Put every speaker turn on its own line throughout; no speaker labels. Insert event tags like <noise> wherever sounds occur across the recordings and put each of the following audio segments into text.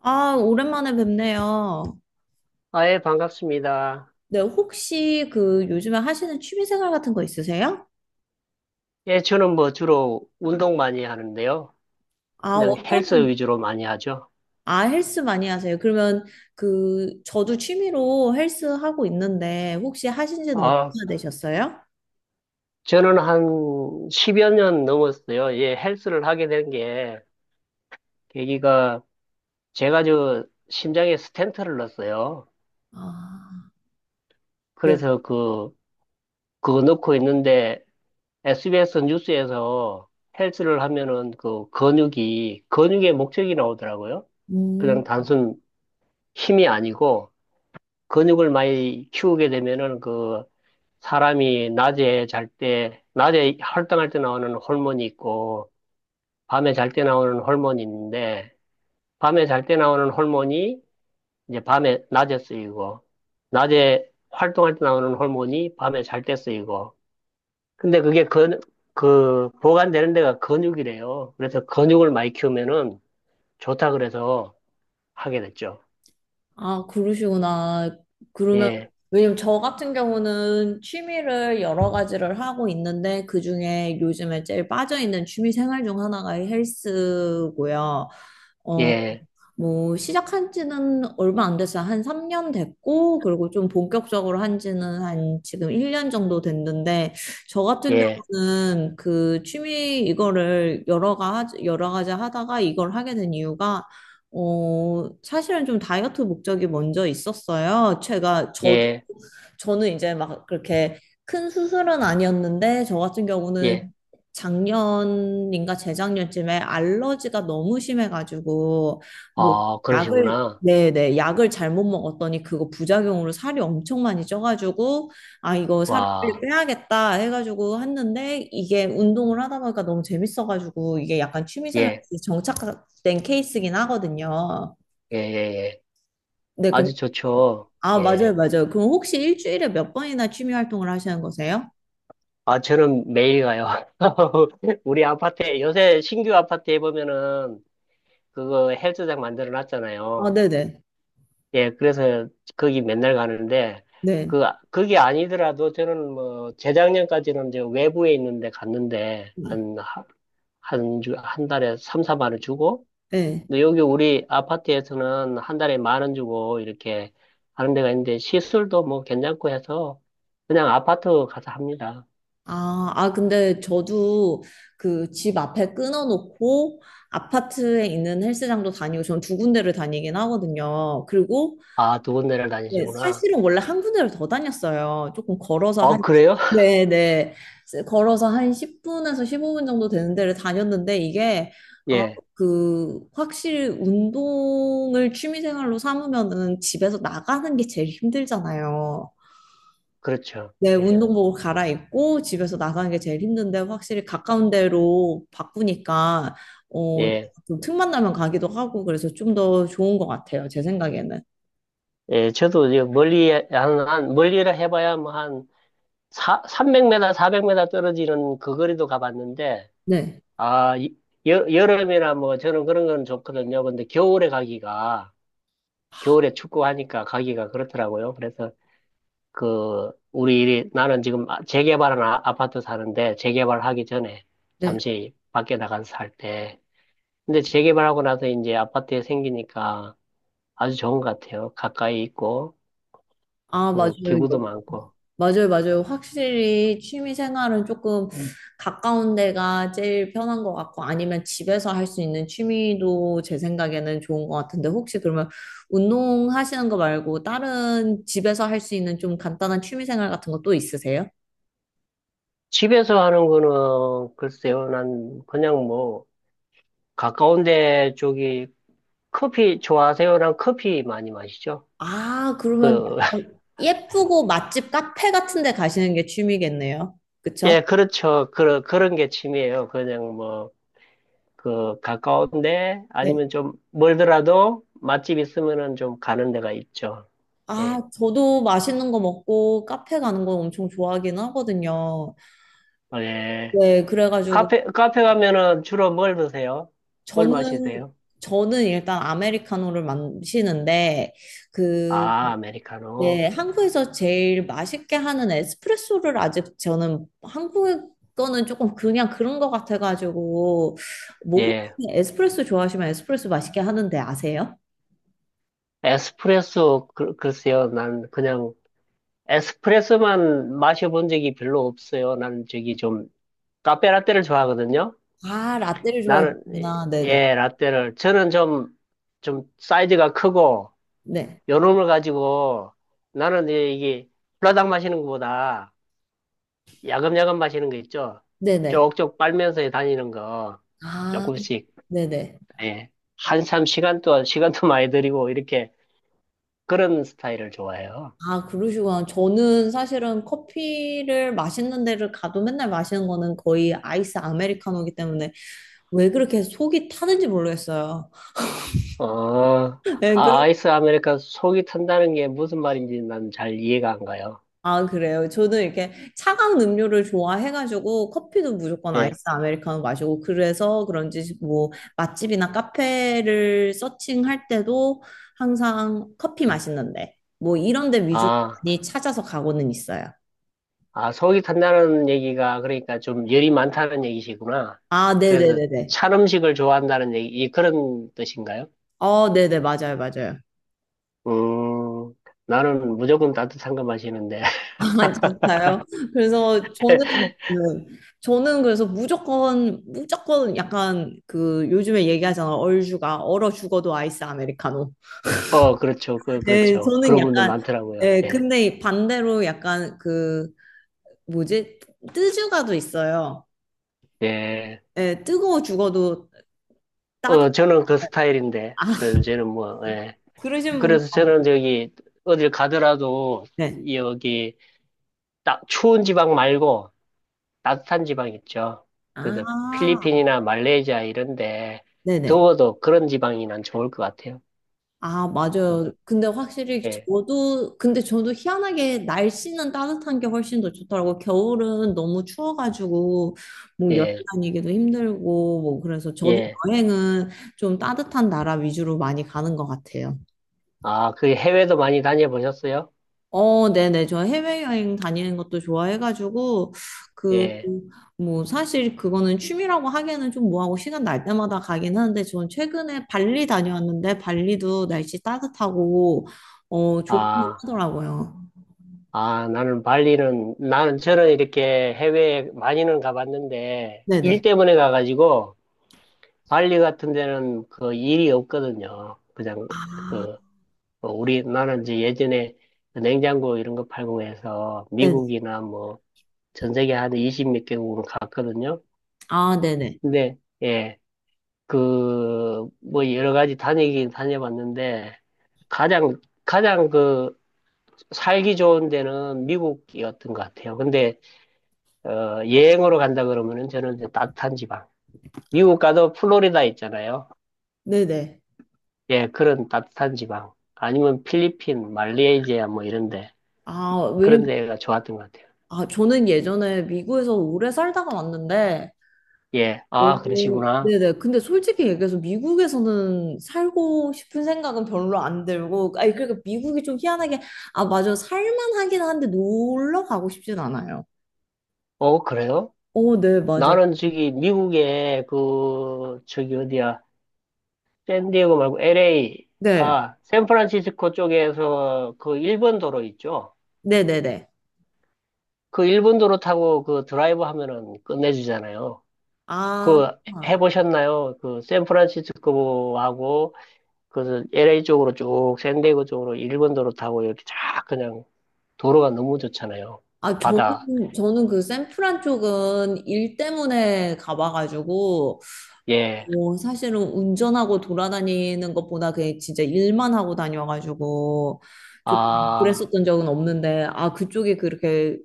아, 오랜만에 뵙네요.
아, 예, 반갑습니다.
네, 혹시 그 요즘에 하시는 취미생활 같은 거 있으세요?
예, 저는 뭐 주로 운동 많이 하는데요.
아,
그냥 헬스
어떤,
위주로 많이 하죠.
아, 헬스 많이 하세요? 그러면 그, 저도 취미로 헬스 하고 있는데, 혹시 하신 지는 얼마나
아,
되셨어요?
저는 한 십여 년 넘었어요. 예, 헬스를 하게 된 게, 계기가, 제가 저 심장에 스탠트를 넣었어요.
아, 네.
그래서 그, 그거 넣고 있는데, SBS 뉴스에서 헬스를 하면은 그 근육이, 근육의 목적이 나오더라고요. 그냥
음,
단순 힘이 아니고, 근육을 많이 키우게 되면은 그 사람이 낮에 잘 때, 낮에 활동할 때 나오는 호르몬이 있고, 밤에 잘 때 나오는 호르몬이 있는데, 밤에 잘 때 나오는 호르몬이 이제 밤에, 낮에 쓰이고, 낮에 활동할 때 나오는 호르몬이 밤에 잘 때 쓰이고, 근데 그, 보관되는 데가 근육이래요. 그래서 근육을 많이 키우면은 좋다 그래서 하게 됐죠.
아, 그러시구나. 그러면,
예,
왜냐면 저 같은 경우는 취미를 여러 가지를 하고 있는데, 그 중에 요즘에 제일 빠져있는 취미생활 중 하나가 헬스고요. 어,
예,
뭐 시작한 지는 얼마 안 됐어요. 한 3년 됐고, 그리고 좀 본격적으로 한 지는 한 지금 1년 정도 됐는데, 저 같은
예,
경우는 그 취미 이거를 여러 가지 하다가 이걸 하게 된 이유가, 어, 사실은 좀 다이어트 목적이 먼저 있었어요. 제가, 저도
예,
저는 이제 막 그렇게 큰 수술은 아니었는데, 저 같은 경우는
예.
작년인가 재작년쯤에 알러지가 너무 심해가지고, 뭐,
아,
약을,
그러시구나.
네네, 약을 잘못 먹었더니 그거 부작용으로 살이 엄청 많이 쪄가지고, 아, 이거 살을
와,
빼야겠다 해가지고 했는데, 이게 운동을 하다 보니까 너무 재밌어가지고, 이게 약간 취미생활
예,
그 정착된 케이스긴 하거든요.
예, 예, 예.
네,
아주
그럼,
좋죠.
아, 맞아요,
예.
맞아요. 그럼 혹시 일주일에 몇 번이나 취미 활동을 하시는 거세요?
아, 저는 매일 가요. <laughs> 우리 아파트에, 요새 신규 아파트에 보면은 그거 헬스장 만들어
아,
놨잖아요.
네네.
예, 그래서 거기 맨날 가는데,
네.
그, 그게 아니더라도 저는 뭐, 재작년까지는 이제 외부에 있는데 갔는데,
네.
한, 하- 한, 주- 한 달에 3, 4만 원 주고,
네.
근데 여기 우리 아파트에서는 한 달에 만 원 주고 이렇게 하는 데가 있는데 시술도 뭐 괜찮고 해서 그냥 아파트 가서 합니다.
아, 아, 근데 저도 그 집 앞에 끊어놓고 아파트에 있는 헬스장도 다니고 전 두 군데를 다니긴 하거든요. 그리고
아, 두 군데를
네,
다니시구나.
사실은 원래 한 군데를 더 다녔어요. 조금 걸어서
어,
한,
그래요? <laughs>
네네. 걸어서 한 10분에서 15분 정도 되는 데를 다녔는데 이게 아,
예,
그 확실히 운동을 취미생활로 삼으면은 집에서 나가는 게 제일 힘들잖아요.
그렇죠.
네,
예,
운동복을 갈아입고 집에서 나가는 게 제일 힘든데 확실히 가까운 데로 바꾸니까 어,
예,
좀 틈만 나면 가기도 하고 그래서 좀 더 좋은 것 같아요. 제 생각에는.
예, 저도 이제 멀리, 멀리라 해봐야 뭐 300m, 400m 떨어지는 그 거리도 가봤는데,
네,
아, 이- 여, 여름이나 뭐 저는 그런 건 좋거든요. 근데 겨울에 가기가, 겨울에 축구하니까 가기가 그렇더라고요. 그래서 그, 우리 일이, 나는 지금 재개발한 아파트 사는데, 재개발하기 전에
네.
잠시 밖에 나가서 살 때. 근데 재개발하고 나서 이제 아파트에 생기니까 아주 좋은 것 같아요. 가까이 있고,
아, 맞아요.
그래서 기구도
이거.
많고.
맞아요, 맞아요. 확실히 취미 생활은 조금 가까운 데가 제일 편한 것 같고 아니면 집에서 할 수 있는 취미도 제 생각에는 좋은 것 같은데 혹시 그러면 운동하시는 거 말고 다른 집에서 할 수 있는 좀 간단한 취미 생활 같은 거 또 있으세요?
집에서 하는 거는 글쎄요, 난 그냥 뭐, 가까운 데 쪽이 커피 좋아하세요? 난 커피 많이 마시죠.
아, 그러면
그,
약간
<laughs>
예쁘고 맛집 카페 같은 데 가시는 게 취미겠네요.
예,
그쵸?
그렇죠. 그런 게 취미예요. 그냥 뭐, 그 가까운데
네.
아니면 좀 멀더라도 맛집 있으면은 좀 가는 데가 있죠.
아,
예.
저도 맛있는 거 먹고 카페 가는 거 엄청 좋아하긴 하거든요.
어, 예.
네, 그래가지고
카페 가면은 주로 뭘 드세요? 뭘
저는,
마시세요?
저는 일단 아메리카노를 마시는데, 그,
아, 아메리카노.
네, 한국에서 제일 맛있게 하는 에스프레소를 아직 저는 한국 거는 조금 그냥 그런 거 같아가지고, 뭐 혹시
예.
에스프레소 좋아하시면 에스프레소 맛있게 하는데 아세요?
에스프레소 글쎄요. 난 그냥 에스프레소만 마셔본 적이 별로 없어요. 난 저기 좀 카페 라떼를 좋아하거든요.
아, 라떼를
나는 예,
좋아하시구나. 네네.
예, 라떼를 저는 좀 사이즈가 크고
네.
요놈을 가지고 나는 이제 이게 불라당 마시는 것보다 야금야금 마시는 거 있죠.
네네.
쪽쪽 빨면서 다니는 거
아,
조금씩
네네.
예. 한참 시간도 <laughs> 많이 들이고 이렇게 그런 스타일을 좋아해요.
아, 그러시구나. 저는 사실은 커피를 마시는 데를 가도 맨날 마시는 거는 거의 아이스 아메리카노이기 때문에 왜 그렇게 속이 타는지 모르겠어요.
어,
<laughs> 네,
아, 아이스 아메리카 속이 탄다는 게 무슨 말인지 난 잘 이해가 안 가요.
아, 그래요. 저는 이렇게 차가운 음료를 좋아해가지고 커피도 무조건
예.
아이스 아메리카노 마시고 그래서 그런지 뭐 맛집이나 카페를 서칭할 때도 항상 커피 맛있는데 뭐 이런 데 위주로
아,
많이 찾아서 가고는 있어요.
속이 탄다는 얘기가 그러니까 좀 열이 많다는 얘기시구나.
아,
그래서
네네네네.
찬 음식을 좋아한다는 얘기, 그런 뜻인가요?
어, 네네, 맞아요, 맞아요.
음, 나는 무조건 따뜻한 거 마시는데.
<laughs> 아,
<laughs>
진짜요? 그래서 저는, 네. 저는 그래서 무조건, 무조건 약간 그 요즘에 얘기하잖아. 얼죽아, 얼어 죽어도 아이스 아메리카노.
어, 그렇죠.
네,
그렇죠.
저는
그런 분들
약간,
많더라고요.
예,
예.
근데 반대로 약간 그, 뭐지? 뜨주가도 있어요.
예.
예, 뜨거워 죽어도 따뜻,
어, 저는 그 스타일인데.
아,
어,
<laughs>
저는 뭐, 예.
그러신 분들
그래서 저는
많고.
저기, 어딜 가더라도,
네.
여기, 딱, 추운 지방 말고, 따뜻한 지방 있죠. 그래서
아,
필리핀이나 말레이시아 이런데,
네네.
더워도 그런 지방이 난 좋을 것 같아요.
아,
음,
맞아요. 근데 확실히
예,
저도, 근데 저도 희한하게 날씨는 따뜻한 게 훨씬 더 좋더라고. 겨울은 너무 추워가지고, 뭐 여행
예,
다니기도 힘들고, 뭐 그래서 저도
예.
여행은 좀 따뜻한 나라 위주로 많이 가는 것 같아요.
아, 그 해외도 많이 다녀보셨어요?
어, 네네. 저 해외여행 다니는 것도 좋아해가지고, 그,
예.
뭐, 사실 그거는 취미라고 하기에는 좀 뭐하고 시간 날 때마다 가긴 하는데, 저는 최근에 발리 다녀왔는데, 발리도 날씨 따뜻하고, 어, 좋긴
아,
하더라고요.
아, 나는 저는 이렇게 해외에 많이는 가봤는데, 일
네네.
때문에 가가지고, 발리 같은 데는 그 일이 없거든요. 그냥,
아,
그, 어, 우리, 나는 이제 예전에 그 냉장고 이런 거 팔고 해서
네네.
미국이나 뭐, 전 세계 한 20몇 개국을 갔거든요.
아, 네네.
근데, 예, 그, 뭐 여러 가지 다니긴 다녀봤는데, 가장 그, 살기 좋은 데는 미국이었던 것 같아요. 근데, 어, 여행으로 간다 그러면은 저는 이제 따뜻한 지방. 미국 가도 플로리다 있잖아요.
네네.
예, 그런 따뜻한 지방. 아니면 필리핀, 말레이시아 뭐 이런데
아,
그런
왜냐면,
데가 좋았던 것 같아요.
아, 저는 예전에 미국에서 오래 살다가 왔는데,
예, 아
오,
그러시구나.
네네. 근데 솔직히 얘기해서 미국에서는 살고 싶은 생각은 별로 안 들고, 아니, 그러니까 미국이 좀 희한하게, 아, 맞아. 살만하긴 한데 놀러 가고 싶진 않아요.
어 그래요?
오, 네, 맞아요.
나는 저기 미국에 그 저기 어디야? 샌디에고 말고 LA
네,
아 샌프란시스코 쪽에서 그 일본 도로 있죠?
네네네.
그 일본 도로 타고 그 드라이브 하면은 끝내주잖아요.
아,
그
아,
해보셨나요? 그 샌프란시스코하고 그 LA 쪽으로 쭉 샌디에고 쪽으로 일본도로 타고 이렇게 쫙 그냥 도로가 너무 좋잖아요.
아, 저는,
바다.
저는 그 샌프란 쪽은 일 때문에 가봐가지고,
예.
뭐, 사실은 운전하고 돌아다니는 것보다 그냥 진짜 일만 하고 다녀가지고, 조금
아,
그랬었던 적은 없는데, 아, 그쪽이 그렇게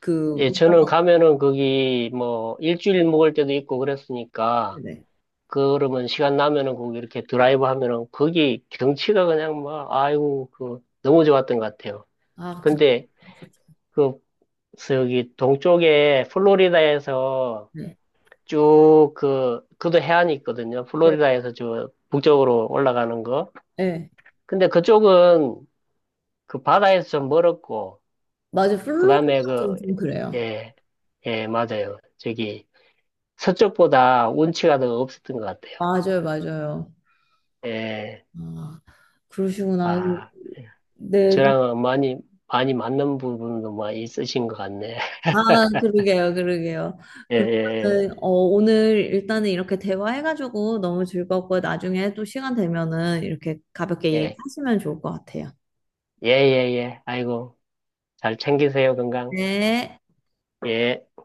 그
예, 저는
운전하는
가면은 거기 뭐 일주일 묵을 때도 있고 그랬으니까
네.
그러면 시간 나면은 거기 이렇게 드라이브 하면은 거기 경치가 그냥 막 아이고 그 너무 좋았던 것 같아요.
아, 그
근데 그 저기 동쪽에 플로리다에서
네.
쭉 그, 그도 해안이 있거든요.
네.
플로리다에서 저 북쪽으로 올라가는 거.
네.
근데 그쪽은 그 바다에서 좀 멀었고,
맞아.
그 다음에
플로리다
그,
쪽은 좀 그래요.
예, 예, 맞아요. 저기 서쪽보다 운치가 더 없었던 것 같아요.
맞아요, 맞아요.
예,
아, 그러시구나.
아,
네. 그-
저랑은 많이 맞는 부분도 많이 있으신 것 같네. <laughs>
아, 그러게요, 그러게요.
예, 예,
그러면은 어, 오늘 일단은 이렇게 대화해가지고 너무 즐겁고 나중에 또 시간 되면은 이렇게 가볍게
예,
얘기하시면 좋을 것 같아요.
예, 예, 예. 예. 아이고, 잘 챙기세요, 건강.
네.
예.